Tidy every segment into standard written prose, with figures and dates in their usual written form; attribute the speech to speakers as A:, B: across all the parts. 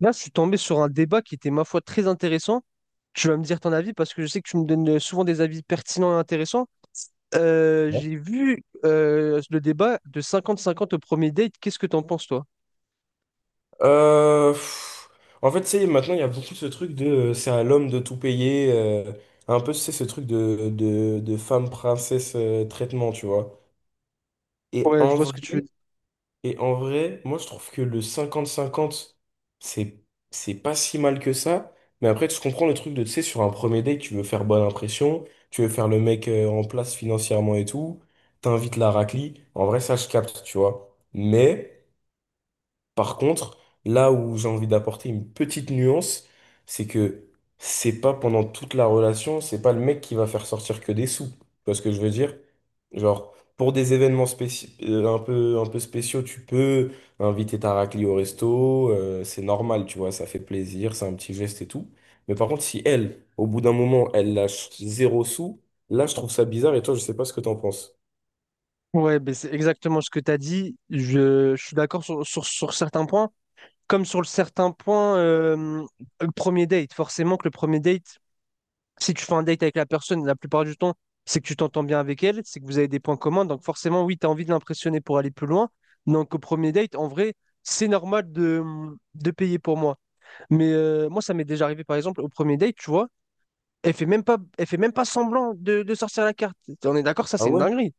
A: Là, je suis tombé sur un débat qui était, ma foi, très intéressant. Tu vas me dire ton avis parce que je sais que tu me donnes souvent des avis pertinents et intéressants.
B: Ouais.
A: J'ai vu le débat de 50-50 au premier date. Qu'est-ce que t'en penses, toi?
B: Euh, pff, En fait, tu sais, maintenant, il y a beaucoup ce truc de c'est à l'homme de tout payer. Un peu, c'est ce truc de femme princesse traitement, tu vois. Et
A: Ouais, je
B: en
A: vois ce
B: vrai,
A: que tu veux dire.
B: et en vrai, moi, je trouve que le 50-50 c'est, c'est pas si mal que ça. Mais après, tu comprends le truc de, tu sais, sur un premier date, tu veux faire bonne impression, tu veux faire le mec en place financièrement et tout, t'invites la raclie. En vrai, ça, je capte, tu vois. Mais par contre, là où j'ai envie d'apporter une petite nuance, c'est que c'est pas pendant toute la relation, c'est pas le mec qui va faire sortir que des sous. Tu vois ce que je veux dire? Genre, pour des événements un peu spéciaux, tu peux inviter ta raclée au resto, c'est normal, tu vois, ça fait plaisir, c'est un petit geste et tout. Mais par contre, si elle, au bout d'un moment, elle lâche zéro sous, là, je trouve ça bizarre et toi, je sais pas ce que t'en penses.
A: Ouais, ben c'est exactement ce que tu as dit. Je suis d'accord sur, sur certains points. Comme sur le certain point, le premier date. Forcément que le premier date, si tu fais un date avec la personne, la plupart du temps, c'est que tu t'entends bien avec elle, c'est que vous avez des points communs. Donc forcément, oui, tu as envie de l'impressionner pour aller plus loin. Donc au premier date, en vrai, c'est normal de payer pour moi. Mais moi, ça m'est déjà arrivé, par exemple, au premier date, tu vois, elle fait même pas, elle fait même pas semblant de sortir la carte. On est d'accord, ça,
B: Ah
A: c'est une
B: ouais?
A: dinguerie.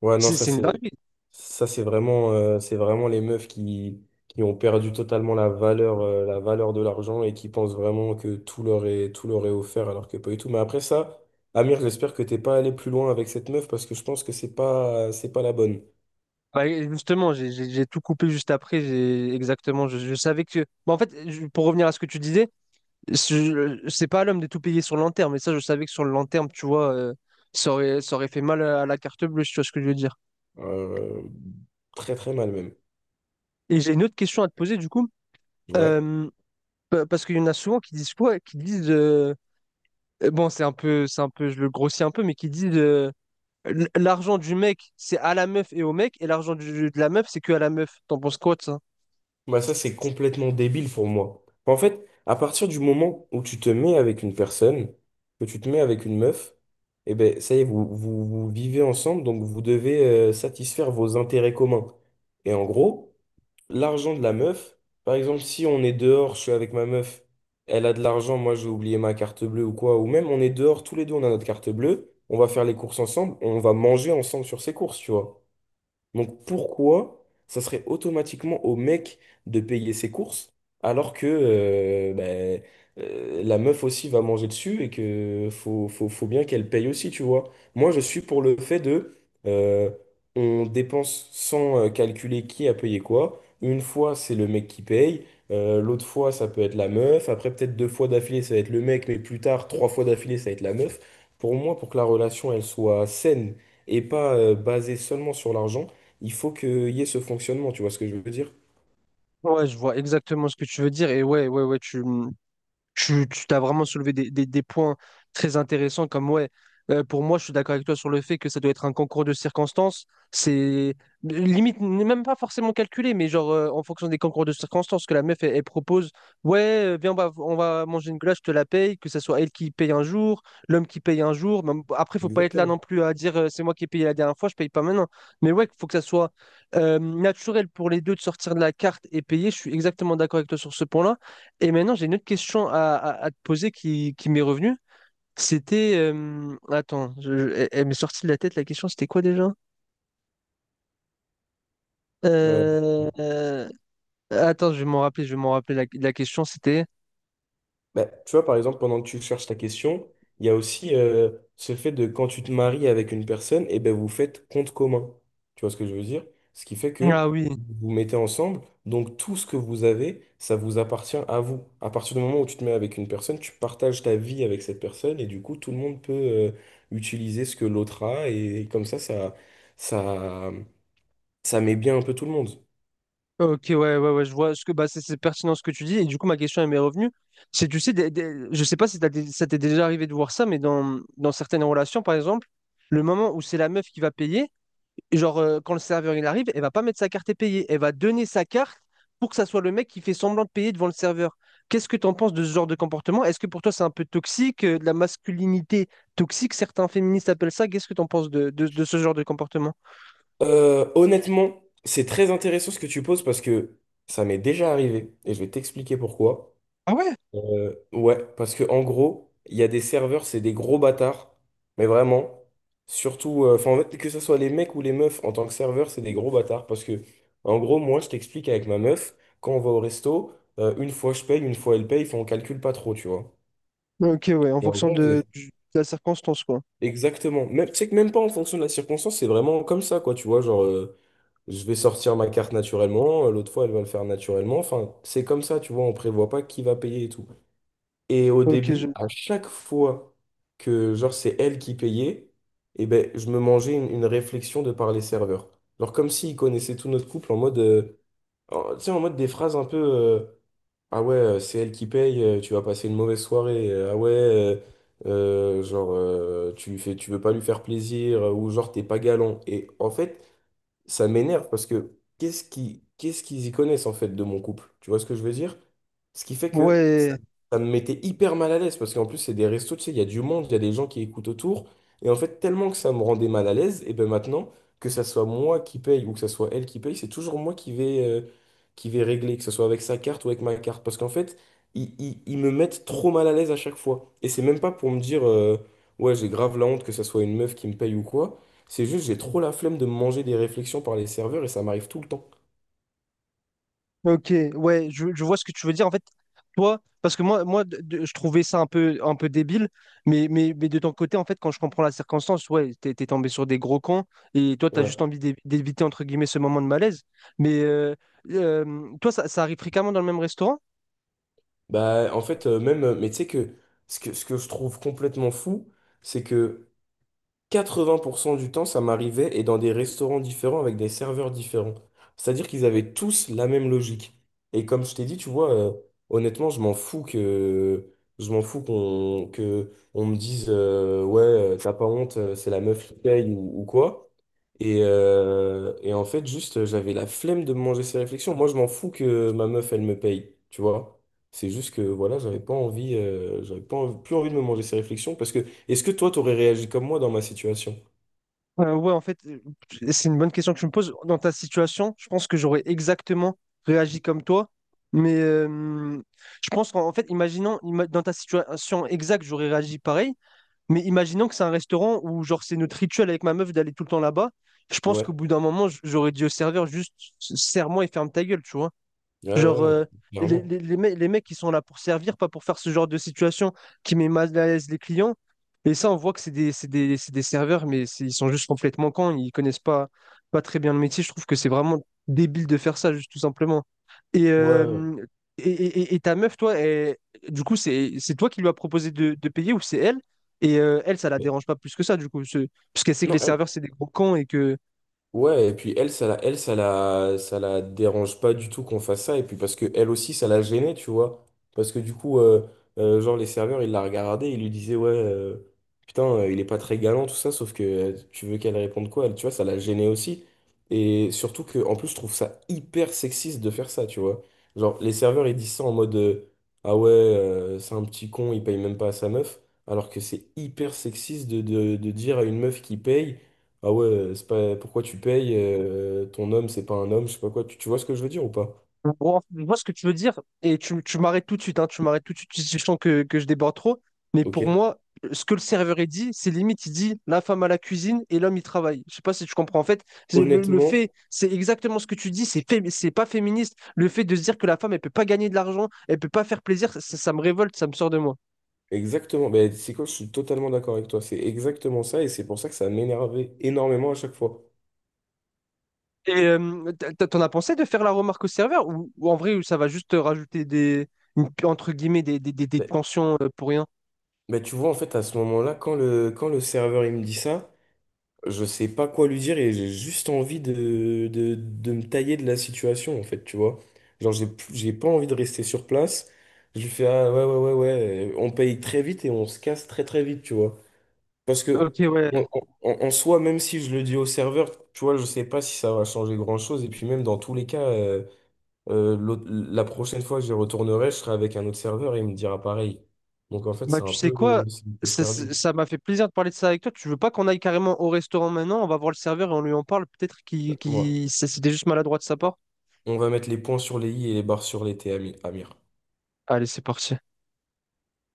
B: Ouais, non,
A: C'est
B: ça
A: c'est une
B: c'est.
A: dinguerie.
B: Ça, c'est vraiment les meufs qui ont perdu totalement la valeur de l'argent et qui pensent vraiment que tout leur est offert alors que pas du tout. Mais après ça, Amir, j'espère que t'es pas allé plus loin avec cette meuf parce que je pense que c'est pas la bonne.
A: Bah, et justement, j'ai tout coupé juste après. Exactement, je savais que... Bah, en fait, pour revenir à ce que tu disais, C'est pas à l'homme de tout payer sur le long terme, mais ça, je savais que sur le long terme, tu vois, ça aurait fait mal à la carte bleue, si tu vois ce que je veux dire.
B: Euh, Très très mal même.
A: Et j'ai une autre question à te poser, du coup,
B: Ouais.
A: euh, parce qu'il y en a souvent qui disent quoi? Qui disent, bon, c'est un peu, je le grossis un peu, mais qui disent, l'argent du mec, c'est à la meuf et au mec, et l'argent de la meuf, c'est que à la meuf. T'en penses quoi de ça?
B: Bah ça, c'est complètement débile pour moi. Bah, en fait, à partir du moment où tu te mets avec une personne, que tu te mets avec une meuf, eh ben, ça y est, vous vivez ensemble, donc vous devez satisfaire vos intérêts communs. Et en gros, l'argent de la meuf, par exemple, si on est dehors, je suis avec ma meuf, elle a de l'argent, moi j'ai oublié ma carte bleue ou quoi, ou même on est dehors, tous les deux on a notre carte bleue, on va faire les courses ensemble, on va manger ensemble sur ces courses, tu vois. Donc pourquoi ça serait automatiquement au mec de payer ses courses alors que ben, la meuf aussi va manger dessus et que faut bien qu'elle paye aussi, tu vois. Moi, je suis pour le fait de euh, on dépense sans calculer qui a payé quoi. Une fois, c'est le mec qui paye. L'autre fois, ça peut être la meuf. Après, peut-être deux fois d'affilée, ça va être le mec, mais plus tard, trois fois d'affilée, ça va être la meuf. Pour moi, pour que la relation, elle soit saine et pas basée seulement sur l'argent, il faut qu'il y ait ce fonctionnement, tu vois ce que je veux dire?
A: Ouais, je vois exactement ce que tu veux dire, et Tu t'as vraiment soulevé des, des points très intéressants comme ouais. Pour moi, je suis d'accord avec toi sur le fait que ça doit être un concours de circonstances. C'est limite, n'est même pas forcément calculé, mais genre en fonction des concours de circonstances que la meuf elle, elle propose, ouais, viens, on va manger une glace, je te la paye, que ce soit elle qui paye un jour, l'homme qui paye un jour. Après, faut pas être là non
B: Exactement.
A: plus à dire c'est moi qui ai payé la dernière fois, je paye pas maintenant. Mais ouais, faut que ça soit naturel pour les deux de sortir de la carte et payer. Je suis exactement d'accord avec toi sur ce point-là. Et maintenant, j'ai une autre question à te poser qui m'est revenue. C'était. Attends, elle, elle m'est sortie de la tête la question, c'était quoi déjà?
B: Euh,
A: Euh, euh, attends, je vais m'en rappeler. La question, c'était.
B: Bah, tu vois, par exemple, pendant que tu cherches ta question, il y a aussi ce fait de quand tu te maries avec une personne, et ben vous faites compte commun. Tu vois ce que je veux dire? Ce qui fait
A: Ah
B: que
A: oui.
B: vous vous mettez ensemble, donc tout ce que vous avez, ça vous appartient à vous. À partir du moment où tu te mets avec une personne, tu partages ta vie avec cette personne, et du coup, tout le monde peut utiliser ce que l'autre a, et comme ça, ça, ça met bien un peu tout le monde.
A: Ok, ouais, je vois ce que bah, c'est pertinent ce que tu dis. Et du coup, ma question elle m'est revenue. C'est, tu sais, je sais pas si ça t'est déjà arrivé de voir ça, mais dans certaines relations, par exemple, le moment où c'est la meuf qui va payer, genre quand le serveur il arrive, elle va pas mettre sa carte et payer. Elle va donner sa carte pour que ça soit le mec qui fait semblant de payer devant le serveur. Qu'est-ce que t'en penses de ce genre de comportement? Est-ce que pour toi c'est un peu toxique, de la masculinité toxique, certains féministes appellent ça. Qu'est-ce que t'en penses de ce genre de comportement?
B: Honnêtement, c'est très intéressant ce que tu poses parce que ça m'est déjà arrivé et je vais t'expliquer pourquoi.
A: Ah ouais?
B: Ouais, parce que en gros, il y a des serveurs, c'est des gros bâtards, mais vraiment, surtout, en fait, que ce soit les mecs ou les meufs en tant que serveur, c'est des gros bâtards parce que en gros, moi, je t'explique avec ma meuf, quand on va au resto, une fois je paye, une fois elle paye, enfin on calcule pas trop, tu vois.
A: Ok, ouais, en
B: Et en
A: fonction
B: gros, on faisait-
A: de la circonstance, quoi.
B: Exactement. Même, tu sais que même pas en fonction de la circonstance, c'est vraiment comme ça, quoi, tu vois, je vais sortir ma carte naturellement, l'autre fois elle va le faire naturellement. Enfin, c'est comme ça, tu vois, on prévoit pas qui va payer et tout. Et au
A: Ok, je...
B: début, à chaque fois que genre c'est elle qui payait, et ben je me mangeais une réflexion de par les serveurs. Genre comme s'ils connaissaient tout notre couple en mode, tu sais, en mode des phrases un peu, ah ouais, c'est elle qui paye, tu vas passer une mauvaise soirée. Ah ouais, genre, tu lui fais, tu veux pas lui faire plaisir, ou genre, t'es pas galant. Et en fait, ça m'énerve parce que qu'est-ce qu'ils y connaissent en fait de mon couple? Tu vois ce que je veux dire? Ce qui fait que
A: ouais,
B: ça me mettait hyper mal à l'aise parce qu'en plus, c'est des restos, tu sais, il y a du monde, il y a des gens qui écoutent autour. Et en fait, tellement que ça me rendait mal à l'aise, et ben maintenant, que ça soit moi qui paye ou que ça soit elle qui paye, c'est toujours moi qui vais régler, que ce soit avec sa carte ou avec ma carte. Parce qu'en fait, ils me mettent trop mal à l'aise à chaque fois. Et c'est même pas pour me dire, ouais, j'ai grave la honte que ça soit une meuf qui me paye ou quoi. C'est juste, j'ai trop la flemme de me manger des réflexions par les serveurs et ça m'arrive tout le temps.
A: ok, ouais, je vois ce que tu veux dire. En fait, toi, parce que je trouvais ça un peu débile, mais de ton côté, en fait, quand je comprends la circonstance, ouais, t'es tombé sur des gros cons, et toi, t'as
B: Ouais.
A: juste envie d'éviter, entre guillemets, ce moment de malaise. Mais toi, ça arrive fréquemment dans le même restaurant?
B: Bah, en fait, mais tu sais que ce que je trouve complètement fou, c'est que 80% du temps, ça m'arrivait et dans des restaurants différents avec des serveurs différents. C'est-à-dire qu'ils avaient tous la même logique. Et comme je t'ai dit, tu vois, honnêtement, je m'en fous qu'on que on me dise ouais, t'as pas honte, c'est la meuf qui paye ou quoi. Et en fait, j'avais la flemme de me manger ces réflexions. Moi, je m'en fous que ma meuf, elle me paye, tu vois. C'est juste que voilà, j'avais pas envie- plus envie de me manger ces réflexions parce que est-ce que toi, t'aurais réagi comme moi dans ma situation?
A: Ouais, en fait, c'est une bonne question que je me pose. Dans ta situation, je pense que j'aurais exactement réagi comme toi. Mais je pense qu'en en fait, dans ta situation exacte, j'aurais réagi pareil. Mais imaginons que c'est un restaurant où, genre, c'est notre rituel avec ma meuf d'aller tout le temps là-bas. Je pense
B: Ouais.
A: qu'au bout d'un moment, j'aurais dit au serveur, juste, serre-moi et ferme ta gueule, tu vois.
B: Ouais,
A: Genre,
B: non, clairement.
A: les mecs, ils sont là pour servir, pas pour faire ce genre de situation qui met mal à l'aise les clients. Et ça, on voit que c'est des, c'est des serveurs, mais ils sont juste complètement cons, ils connaissent pas, pas très bien le métier. Je trouve que c'est vraiment débile de faire ça, juste tout simplement. Et,
B: Ouais.
A: et ta meuf, toi, du coup, c'est toi qui lui as proposé de payer ou c'est elle? Et elle, ça la
B: Mais-
A: dérange pas plus que ça, du coup. Parce qu'elle sait que les
B: Non,
A: serveurs, c'est des gros cons et que.
B: ouais, et puis elle, ça la dérange pas du tout qu'on fasse ça, et puis parce que elle aussi, ça la gênait, tu vois. Parce que du coup, genre, les serveurs, ils la regardaient, ils lui disaient, ouais, putain, il est pas très galant, tout ça, sauf que tu veux qu'elle réponde quoi, elle, tu vois, ça la gênait aussi. Et surtout que, en plus, je trouve ça hyper sexiste de faire ça, tu vois. Genre, les serveurs, ils disent ça en mode, ah ouais, c'est un petit con, il paye même pas à sa meuf, alors que c'est hyper sexiste de dire à une meuf qui paye. Ah ouais, c'est pas pourquoi tu payes, ton homme, c'est pas un homme, je sais pas quoi. Tu vois ce que je veux dire ou pas?
A: Bon, je vois ce que tu veux dire, et tu m'arrêtes tout de suite, hein, tu m'arrêtes tout de suite si tu sens que je déborde trop. Mais pour
B: Ok.
A: moi, ce que le serveur il dit, c'est limite, il dit la femme à la cuisine et l'homme il travaille. Je sais pas si tu comprends. En fait, c'est le
B: Honnêtement,
A: fait, c'est exactement ce que tu dis, c'est pas féministe. Le fait de se dire que la femme, elle peut pas gagner de l'argent, elle peut pas faire plaisir, ça me révolte, ça me sort de moi.
B: exactement. Ben, c'est quoi, je suis totalement d'accord avec toi. C'est exactement ça et c'est pour ça que ça m'énervait énormément à chaque fois.
A: Et t'en as pensé de faire la remarque au serveur ou en vrai, ça va juste te rajouter des, entre guillemets, des
B: Ben,
A: tensions pour rien?
B: ben, tu vois, en fait, à ce moment-là, quand le serveur il me dit ça, je sais pas quoi lui dire et j'ai juste envie de me tailler de la situation, en fait, tu vois. J'ai pas envie de rester sur place. Je lui fais, ah ouais, ouais, ouais, ouais, on paye très vite et on se casse très, très vite, tu vois. Parce
A: Ok,
B: que,
A: ouais.
B: bon, en, en- En soi, même si je le dis au serveur, tu vois, je sais pas si ça va changer grand-chose. Et puis, même dans tous les cas, la prochaine fois que j'y retournerai, je serai avec un autre serveur et il me dira pareil. Donc, en fait,
A: Bah,
B: c'est un
A: tu sais
B: peu,
A: quoi?
B: c'est une cause perdue.
A: Ça m'a fait plaisir de parler de ça avec toi. Tu veux pas qu'on aille carrément au restaurant maintenant? On va voir le serveur et on lui en parle. Peut-être
B: Ouais.
A: qu'il... C'était juste maladroit de sa part.
B: On va mettre les points sur les i et les barres sur les t, Amir.
A: Allez, c'est parti.